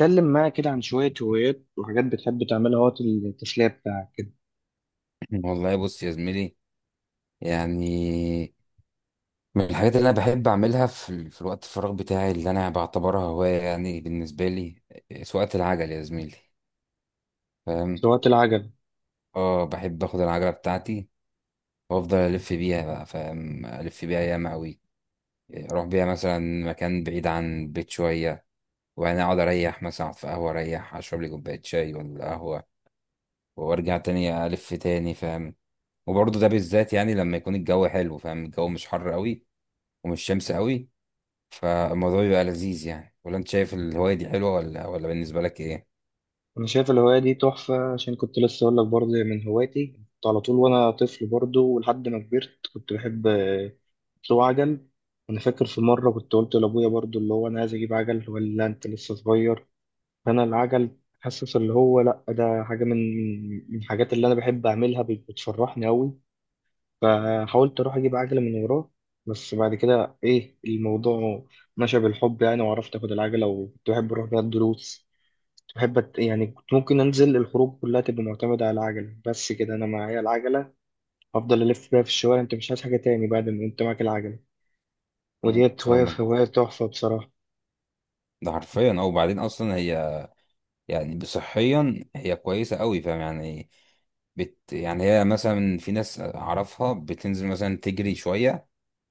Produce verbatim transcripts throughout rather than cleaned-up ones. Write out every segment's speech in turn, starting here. اتكلم معايا كده عن شوية هوايات وحاجات بتحب تعملها وقت التسلية بتاعك كده. والله بص يا زميلي. يعني من الحاجات اللي انا بحب اعملها في, ال- في الوقت الفراغ بتاعي اللي انا بعتبرها هوايه يعني بالنسبه لي، آه، سواقه العجل يا زميلي، في فاهم؟ وقت العجل؟ اه بحب اخد العجله بتاعتي وافضل الف بيها بقى، فاهم؟ الف بيها ياما قوي. اروح بيها مثلا مكان بعيد عن البيت شويه، وبعدين اقعد اريح، مثلا أقعد في قهوه اريح اشرب لي كوبايه شاي ولا قهوه، وارجع تاني الف تاني، فاهم؟ وبرضه ده بالذات يعني لما يكون الجو حلو، فاهم؟ الجو مش حر قوي ومش شمس قوي، فالموضوع بيبقى لذيذ يعني. ولا انت شايف الهواية دي حلوة ولا ولا بالنسبة لك ايه؟ أنا شايف الهواية دي تحفة، عشان كنت لسه أقول لك برضه هي من هواياتي، كنت على طول وأنا طفل برضه ولحد ما كبرت كنت بحب آه، أسوق عجل. أنا فاكر في مرة كنت قلت لأبويا برضه اللي هو أنا عايز أجيب عجل، ولا أنت لسه صغير؟ فأنا العجل حاسس اللي هو لأ، ده حاجة من من الحاجات اللي أنا بحب أعملها، بت- بتفرحني أوي. فحاولت اروح اجيب عجله من وراه، بس بعد كده ايه الموضوع مشى بالحب يعني، وعرفت اخد العجله، وكنت بحب اروح بيها الدروس. كنت بحب أت- يعني كنت ممكن انزل الخروج كلها تبقى معتمده على العجله، بس كده انا معايا العجله، افضل الف بيها في الشوارع. انت مش عايز حاجه تاني بعد ما انت معاك العجله، مم. وديت هوايه، فاهمك. هوايه تحفه بصراحه. ده حرفيا. او بعدين اصلا هي يعني صحيا هي كويسة قوي، فاهم يعني؟ بت يعني هي مثلا في ناس اعرفها بتنزل مثلا تجري شوية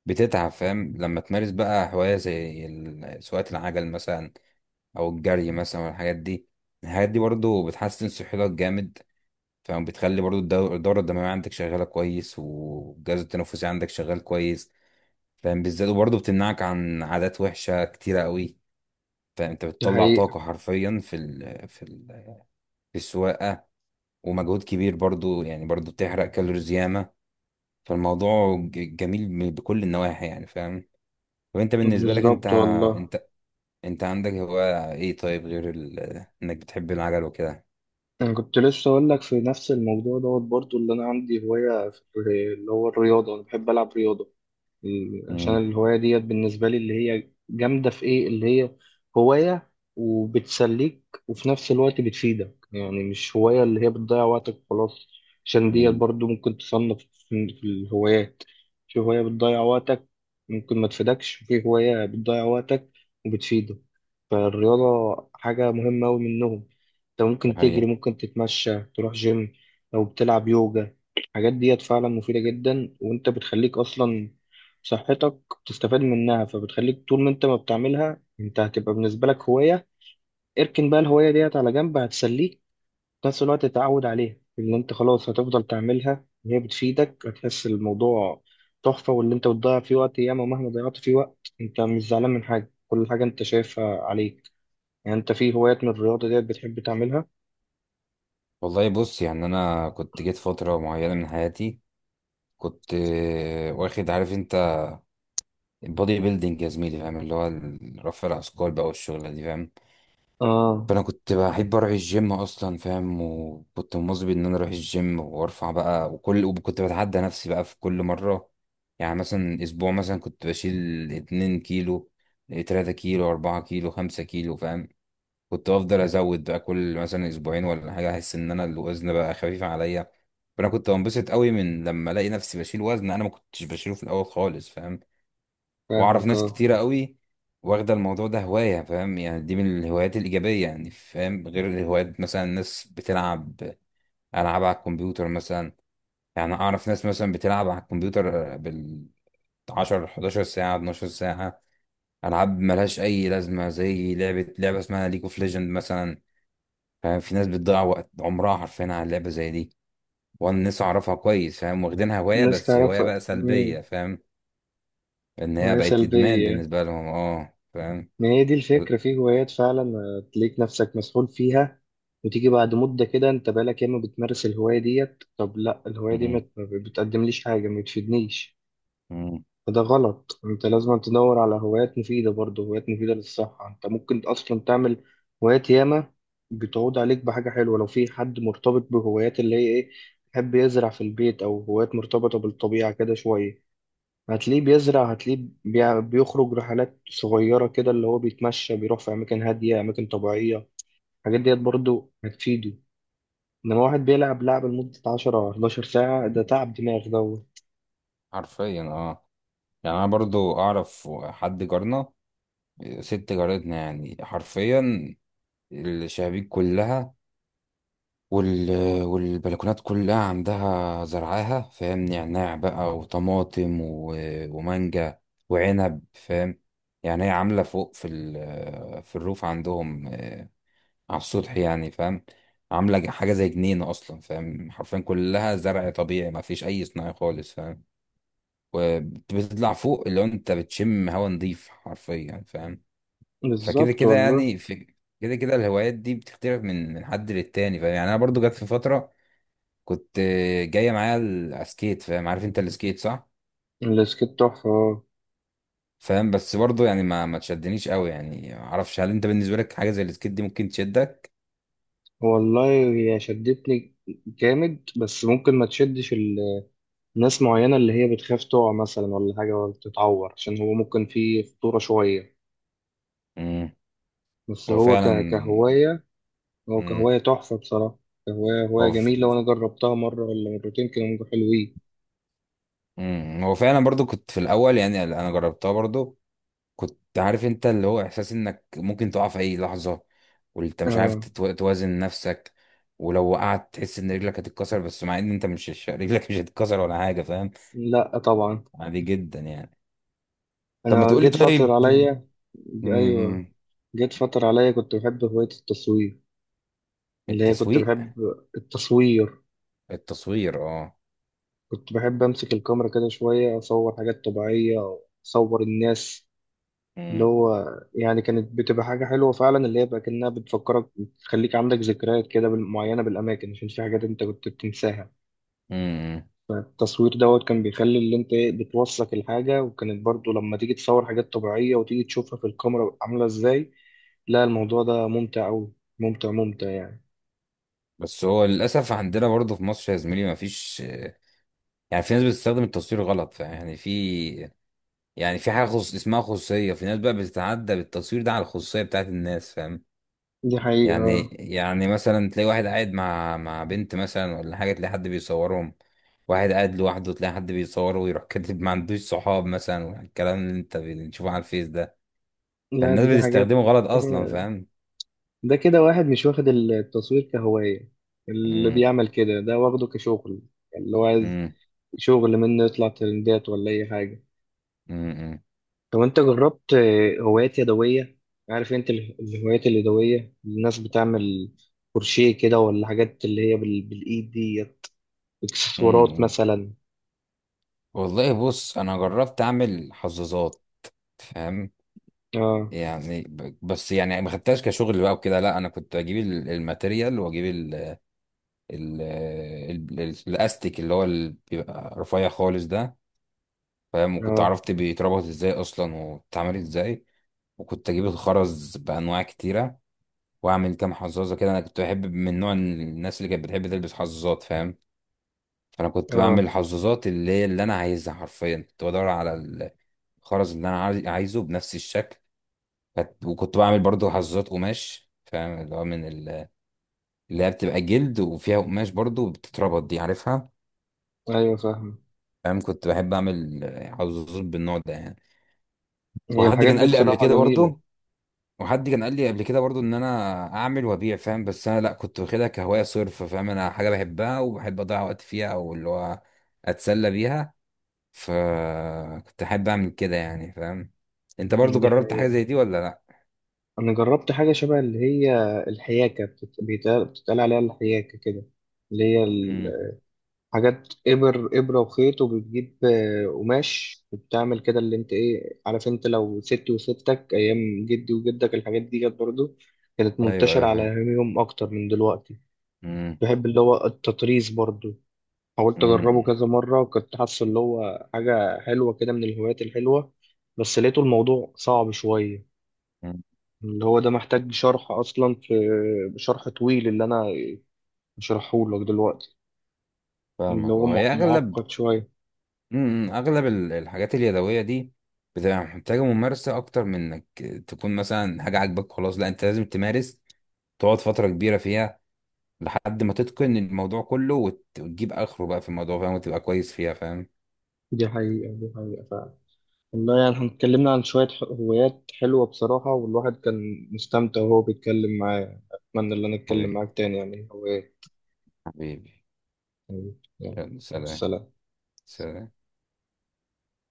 بتتعب، فاهم؟ لما تمارس بقى هواية زي ال- سواقة العجل مثلا او الجري مثلا والحاجات دي، الحاجات دي برضو بتحسن صحتك جامد، فاهم؟ بتخلي برضو الدو- الدورة الدموية عندك شغالة كويس والجهاز التنفسي عندك شغال كويس، فاهم؟ بالذات. وبرضه بتمنعك عن عادات وحشة كتيرة قوي. فانت دي بتطلع حقيقه. طاقة حرفيا في ال في ال في السواقة، ومجهود كبير برضه يعني، برضه بتحرق كالوريز ياما. فالموضوع ج- جميل من- بكل النواحي يعني، فاهم؟ طب انت بالنسبة لك انت بالظبط والله. انت انت عندك هواية ايه طيب غير ال- انك بتحب العجل وكده؟ انا كنت لسه اقول لك في نفس الموضوع دوت برضو، اللي انا عندي هوايه في اللي هو الرياضه، انا بحب العب رياضه. إيه، عشان امم الهواية ديت بالنسبة لي اللي هي جامدة في إيه، اللي هي هواية وبتسليك وفي نفس الوقت بتفيدك، يعني مش هواية اللي هي بتضيع وقتك خلاص. عشان ديت أمم، برضو ممكن تصنف في في الهوايات. في هواية بتضيع وقتك ممكن ما تفيدكش، وفي هواية بتضيع وقتك وبتفيدك. فالرياضة حاجة مهمة أوي منهم. أنت ده ممكن تجري، حقيقة. ممكن تتمشى، تروح جيم، أو بتلعب يوجا. الحاجات ديت فعلا مفيدة جدا، وأنت بتخليك أصلا صحتك بتستفاد منها. فبتخليك طول ما انت ما بتعملها انت هتبقى بالنسبة لك هواية، اركن بقى الهواية ديت على جنب، هتسليك في نفس الوقت تتعود عليها اللي انت خلاص هتفضل تعملها، وهي بتفيدك. هتحس الموضوع تحفة، واللي انت بتضيع فيه وقت ياما مهما ضيعت فيه وقت انت مش زعلان من حاجة، كل حاجة انت شايفها عليك. يعني انت في هوايات من الرياضة ديت بتحب تعملها؟ والله بص يعني انا كنت جيت فترة معينة من حياتي، كنت آه، واخد، عارف انت، بودي بيلدينج يا زميلي، فاهم؟ اللي هو ال- رفع الاثقال بقى والشغله دي، فاهم؟ اه. فانا كنت بحب اروح الجيم اصلا، فاهم؟ وكنت مواظب ان انا اروح الجيم وارفع بقى وكل، وكنت بتعدى نفسي بقى في كل مره. يعني مثلا اسبوع مثلا كنت بشيل 2 كيلو، 3 كيلو، 4 كيلو، 5 كيلو، فاهم؟ كنت افضل ازود بقى كل مثلا اسبوعين ولا حاجه، احس ان انا الوزن بقى خفيف عليا، فانا كنت بنبسط قوي من لما الاقي نفسي بشيل وزن انا ما كنتش بشيله في الاول خالص، فاهم؟ واعرف فاهمك ناس اه. كتيرة قوي واخدة الموضوع ده هواية، فاهم؟ يعني دي من الهوايات الإيجابية يعني، فاهم؟ غير الهوايات مثلا ناس بتلعب ألعاب على الكمبيوتر مثلا. يعني أعرف ناس مثلا بتلعب على الكمبيوتر بال عشرة ساعة، 11 ساعة، 12 ساعة، ألعاب ملهاش أي لازمة، زي لعبة لعبة اسمها ليج اوف ليجند مثلا، فاهم؟ في ناس بتضيع وقت عمرها حرفيا على لعبة زي دي. وأنا ناس أعرفها كويس، فاهم؟ واخدينها هواية الناس بس تعرف. هواية بقى مم. سلبية، فاهم؟ إن هي هواية بقت إدمان سلبية. بالنسبة لهم. أه ما هي دي فاهم. الفكرة، في هوايات فعلا آه، تلاقيك نفسك مسحول فيها، وتيجي بعد مدة كده انت بقالك ياما بتمارس الهواية ديت، طب لا الهواية دي ما ما بتقدمليش حاجة، ما بتفيدنيش. مم. فده غلط، انت لازم تدور على هوايات مفيدة برضه، هوايات مفيدة للصحة. انت ممكن اصلا تعمل هوايات ياما بتعود عليك بحاجة حلوة. لو في حد مرتبط بهوايات اللي هي ايه، يحب يزرع في البيت، او هوايات مرتبطة بالطبيعة كده شوية، هتلاقيه بيزرع، هتلاقيه بيع- بيخرج رحلات صغيرة كده، اللي هو بيتمشى، بيروح في أماكن هادية، أماكن طبيعية. الحاجات ديت برضو هتفيده. إنما واحد بيلعب لعبة لمدة عشرة أو حداشر ساعة، ده تعب دماغ دوت. حرفيا. اه يعني انا برضو اعرف حد جارنا، ست جارتنا، يعني حرفيا الشبابيك كلها وال... والبلكونات كلها عندها زرعاها، فاهم؟ نعناع بقى وطماطم و... ومانجا وعنب، فاهم؟ يعني هي عاملة فوق في ال... في الروف عندهم، آه، على السطح يعني، فاهم؟ عاملة حاجة زي جنينة أصلا، فاهم؟ حرفيا كلها زرع طبيعي ما فيش أي صناعي خالص، فاهم؟ وبتطلع فوق اللي هو انت بتشم هوا نضيف حرفيا يعني، فاهم؟ فكده بالظبط كده والله. يعني في كده كده الهوايات دي بتختلف من من حد للتاني، فاهم؟ يعني انا برضو جت في فتره كنت آه، جايه معايا ال- على السكيت، فاهم؟ عارف انت السكيت صح؟ السكيت تحفة آه. فاهم. بس برضو يعني ما ما تشدنيش قوي يعني. ما اعرفش هل انت بالنسبه لك حاجه زي السكيت دي ممكن تشدك؟ والله هي شدتني جامد، بس ممكن ما تشدش ال- ناس معينة اللي هي بتخاف تقع مثلا ولا حاجة، ولا تتعور، عشان هو ممكن فيه خطورة شوية. امم بس هو هو فعلا. ك- كهواية، هو امم كهواية تحفة بصراحة. كهواية هواية هو ف- جميلة، وأنا جربتها مرة ولا مرتين، كانوا حلوين. مم. هو فعلا. برضو كنت في الاول يعني انا جربتها برضو، كنت عارف انت اللي هو احساس انك ممكن تقع في اي لحظة وانت مش عارف آه. تتو- توازن نفسك، ولو وقعت تحس ان رجلك هتتكسر، بس مع ان انت مش مش- رجلك مش هتتكسر ولا حاجة، فاهم؟ لا طبعا. عادي جدا يعني. طب ما أنا تقول لي جيت فترة طيب. عليا. امم، أيوة. جيت فترة عليا كنت بحب هواية التصوير، اللي هي كنت التسويق بحب التصوير. التصوير. اه كنت بحب أمسك الكاميرا كده شوية، أصور حاجات طبيعية أو أصور الناس. اللي امم، هو يعني كانت بتبقى حاجة حلوة فعلا، اللي هي بقى كأنها بتفكرك، بتخليك عندك ذكريات كده بال- معينة بالأماكن، عشان في حاجات أنت كنت بتنساها. امم. التصوير دوت كان بيخلي اللي انت ايه بتوثق الحاجة، وكانت برضو لما تيجي تصور حاجات طبيعية وتيجي تشوفها في الكاميرا عاملة ازاي، لا الموضوع ده ممتع أوي. ممتع ممتع يعني. بس هو للاسف عندنا برضه في مصر يا زميلي ما فيش، يعني في ناس بتستخدم التصوير غلط، فيعني في يعني في حاجة خص... اسمها خصوصية. في ناس بقى بتتعدى بالتصوير ده على الخصوصية بتاعت الناس، فاهم؟ دي حقيقة يعني آه. يعني مثلا تلاقي واحد قاعد مع مع بنت مثلا ولا حاجة، تلاقي حد بيصورهم. واحد قاعد لوحده تلاقي حد بيصوره ويروح كاتب ما عندوش صحاب مثلا، والكلام اللي انت بتشوفه على الفيس ده. لا دي فالناس دي حاجات بتستخدمه غلط اصلا، آه. فاهم؟ ده كده واحد مش واخد التصوير كهواية، اللي امم بيعمل كده ده واخده كشغل. يعني اللي هو عايز امم شغل منه يطلع ترندات ولا أي حاجة. امم طب انت جربت آه، هوايات يدوية؟ عارف انت ال- الهوايات اليدوية الناس بتعمل كروشيه كده، ولا حاجات اللي هي بال... بالايد دي، اكسسوارات امم مثلا. والله بص انا جربت اعمل حظاظات، فاهم؟ اه. يعني ب- بس يعني ما خدتهاش كشغل بقى وكده، لا انا كنت اجيب ال- الماتيريال، واجيب ال ال ال- ال- الاستيك اللي هو ال- بيبقى رفيع خالص ده، فاهم؟ وكنت اه. عرفت بيتربط ازاي اصلا وبتتعمل ازاي. وكنت اجيب الخرز بانواع كتيره، واعمل كام حظاظه كده. انا كنت بحب من نوع الناس اللي كانت بتحب تلبس حظاظات، فاهم؟ فانا كنت بعمل اه. الحظاظات اللي هي اللي انا عايزها حرفيا. كنت بدور على الخرز اللي انا عايز- عايزه بنفس الشكل. فت- وكنت بعمل برضو حظاظات قماش، فاهم؟ اللي هو من ال- اللي هي بتبقى جلد وفيها قماش برضو، بتتربط دي عارفها؟ ايوه فاهم. فاهم. كنت بحب اعمل حظاظات بالنوع ده يعني. هي وحد الحاجات كان دي قال لي قبل بصراحة كده جميلة. برضو وحد كان قال لي قبل كده برضو ان انا اعمل وابيع، فاهم؟ بس انا لا، كنت واخدها كهوايه صرف، فاهم؟ انا حاجه بحبها وبحب اضيع وقت فيها، او اللي هو اتسلى بيها. فكنت احب اعمل كده يعني، فاهم؟ انت يعني برضو دي جربت حاجه حقيقة. زي دي ولا لا؟ انا جربت حاجة شبه اللي هي الحياكة، بتت- بيتقال بتتقال عليها الحياكة كده، اللي هي امم ال- حاجات إبر، إبرة وخيط، وبتجيب آه، قماش وبتعمل كده اللي أنت إيه، عارف أنت لو ستي وستك أيام جدي وجدك الحاجات دي كانت برضه كانت ايوه، منتشرة ايوه، على فاهم. أيامهم أكتر من دلوقتي. امم بحب اللي هو التطريز برضه، حاولت أجربه امم كذا مرة، وكنت حاسه اللي هو حاجة حلوة كده من الهوايات الحلوة، بس لقيته الموضوع صعب شوية. أمم. اللي هو ده محتاج شرح أصلا، في شرح طويل اللي أنا شرحهولك دلوقتي. اللي فاهمك. هو اه مع- هي اغلب معقد شوية. امم اغلب ال- الحاجات اليدويه دي بتبقى محتاجه ممارسه اكتر من انك تكون مثلا حاجه عاجباك خلاص، لا انت لازم تمارس، تقعد فتره كبيره فيها لحد ما تتقن الموضوع كله وت- وتجيب اخره بقى في الموضوع، فاهم؟ وتبقى كويس فيها، فاهم؟ دي حقيقة، دي حقيقة فعلا. والله يعني احنا اتكلمنا عن شوية ح- هوايات حلوة بصراحة، والواحد كان مستمتع وهو بيتكلم معايا. أتمنى إن أنا أتكلم حبيبي معاك تاني يعني هوايات. حبيبي، يعني يلا، يلا مع سلام. السلامة. سلام.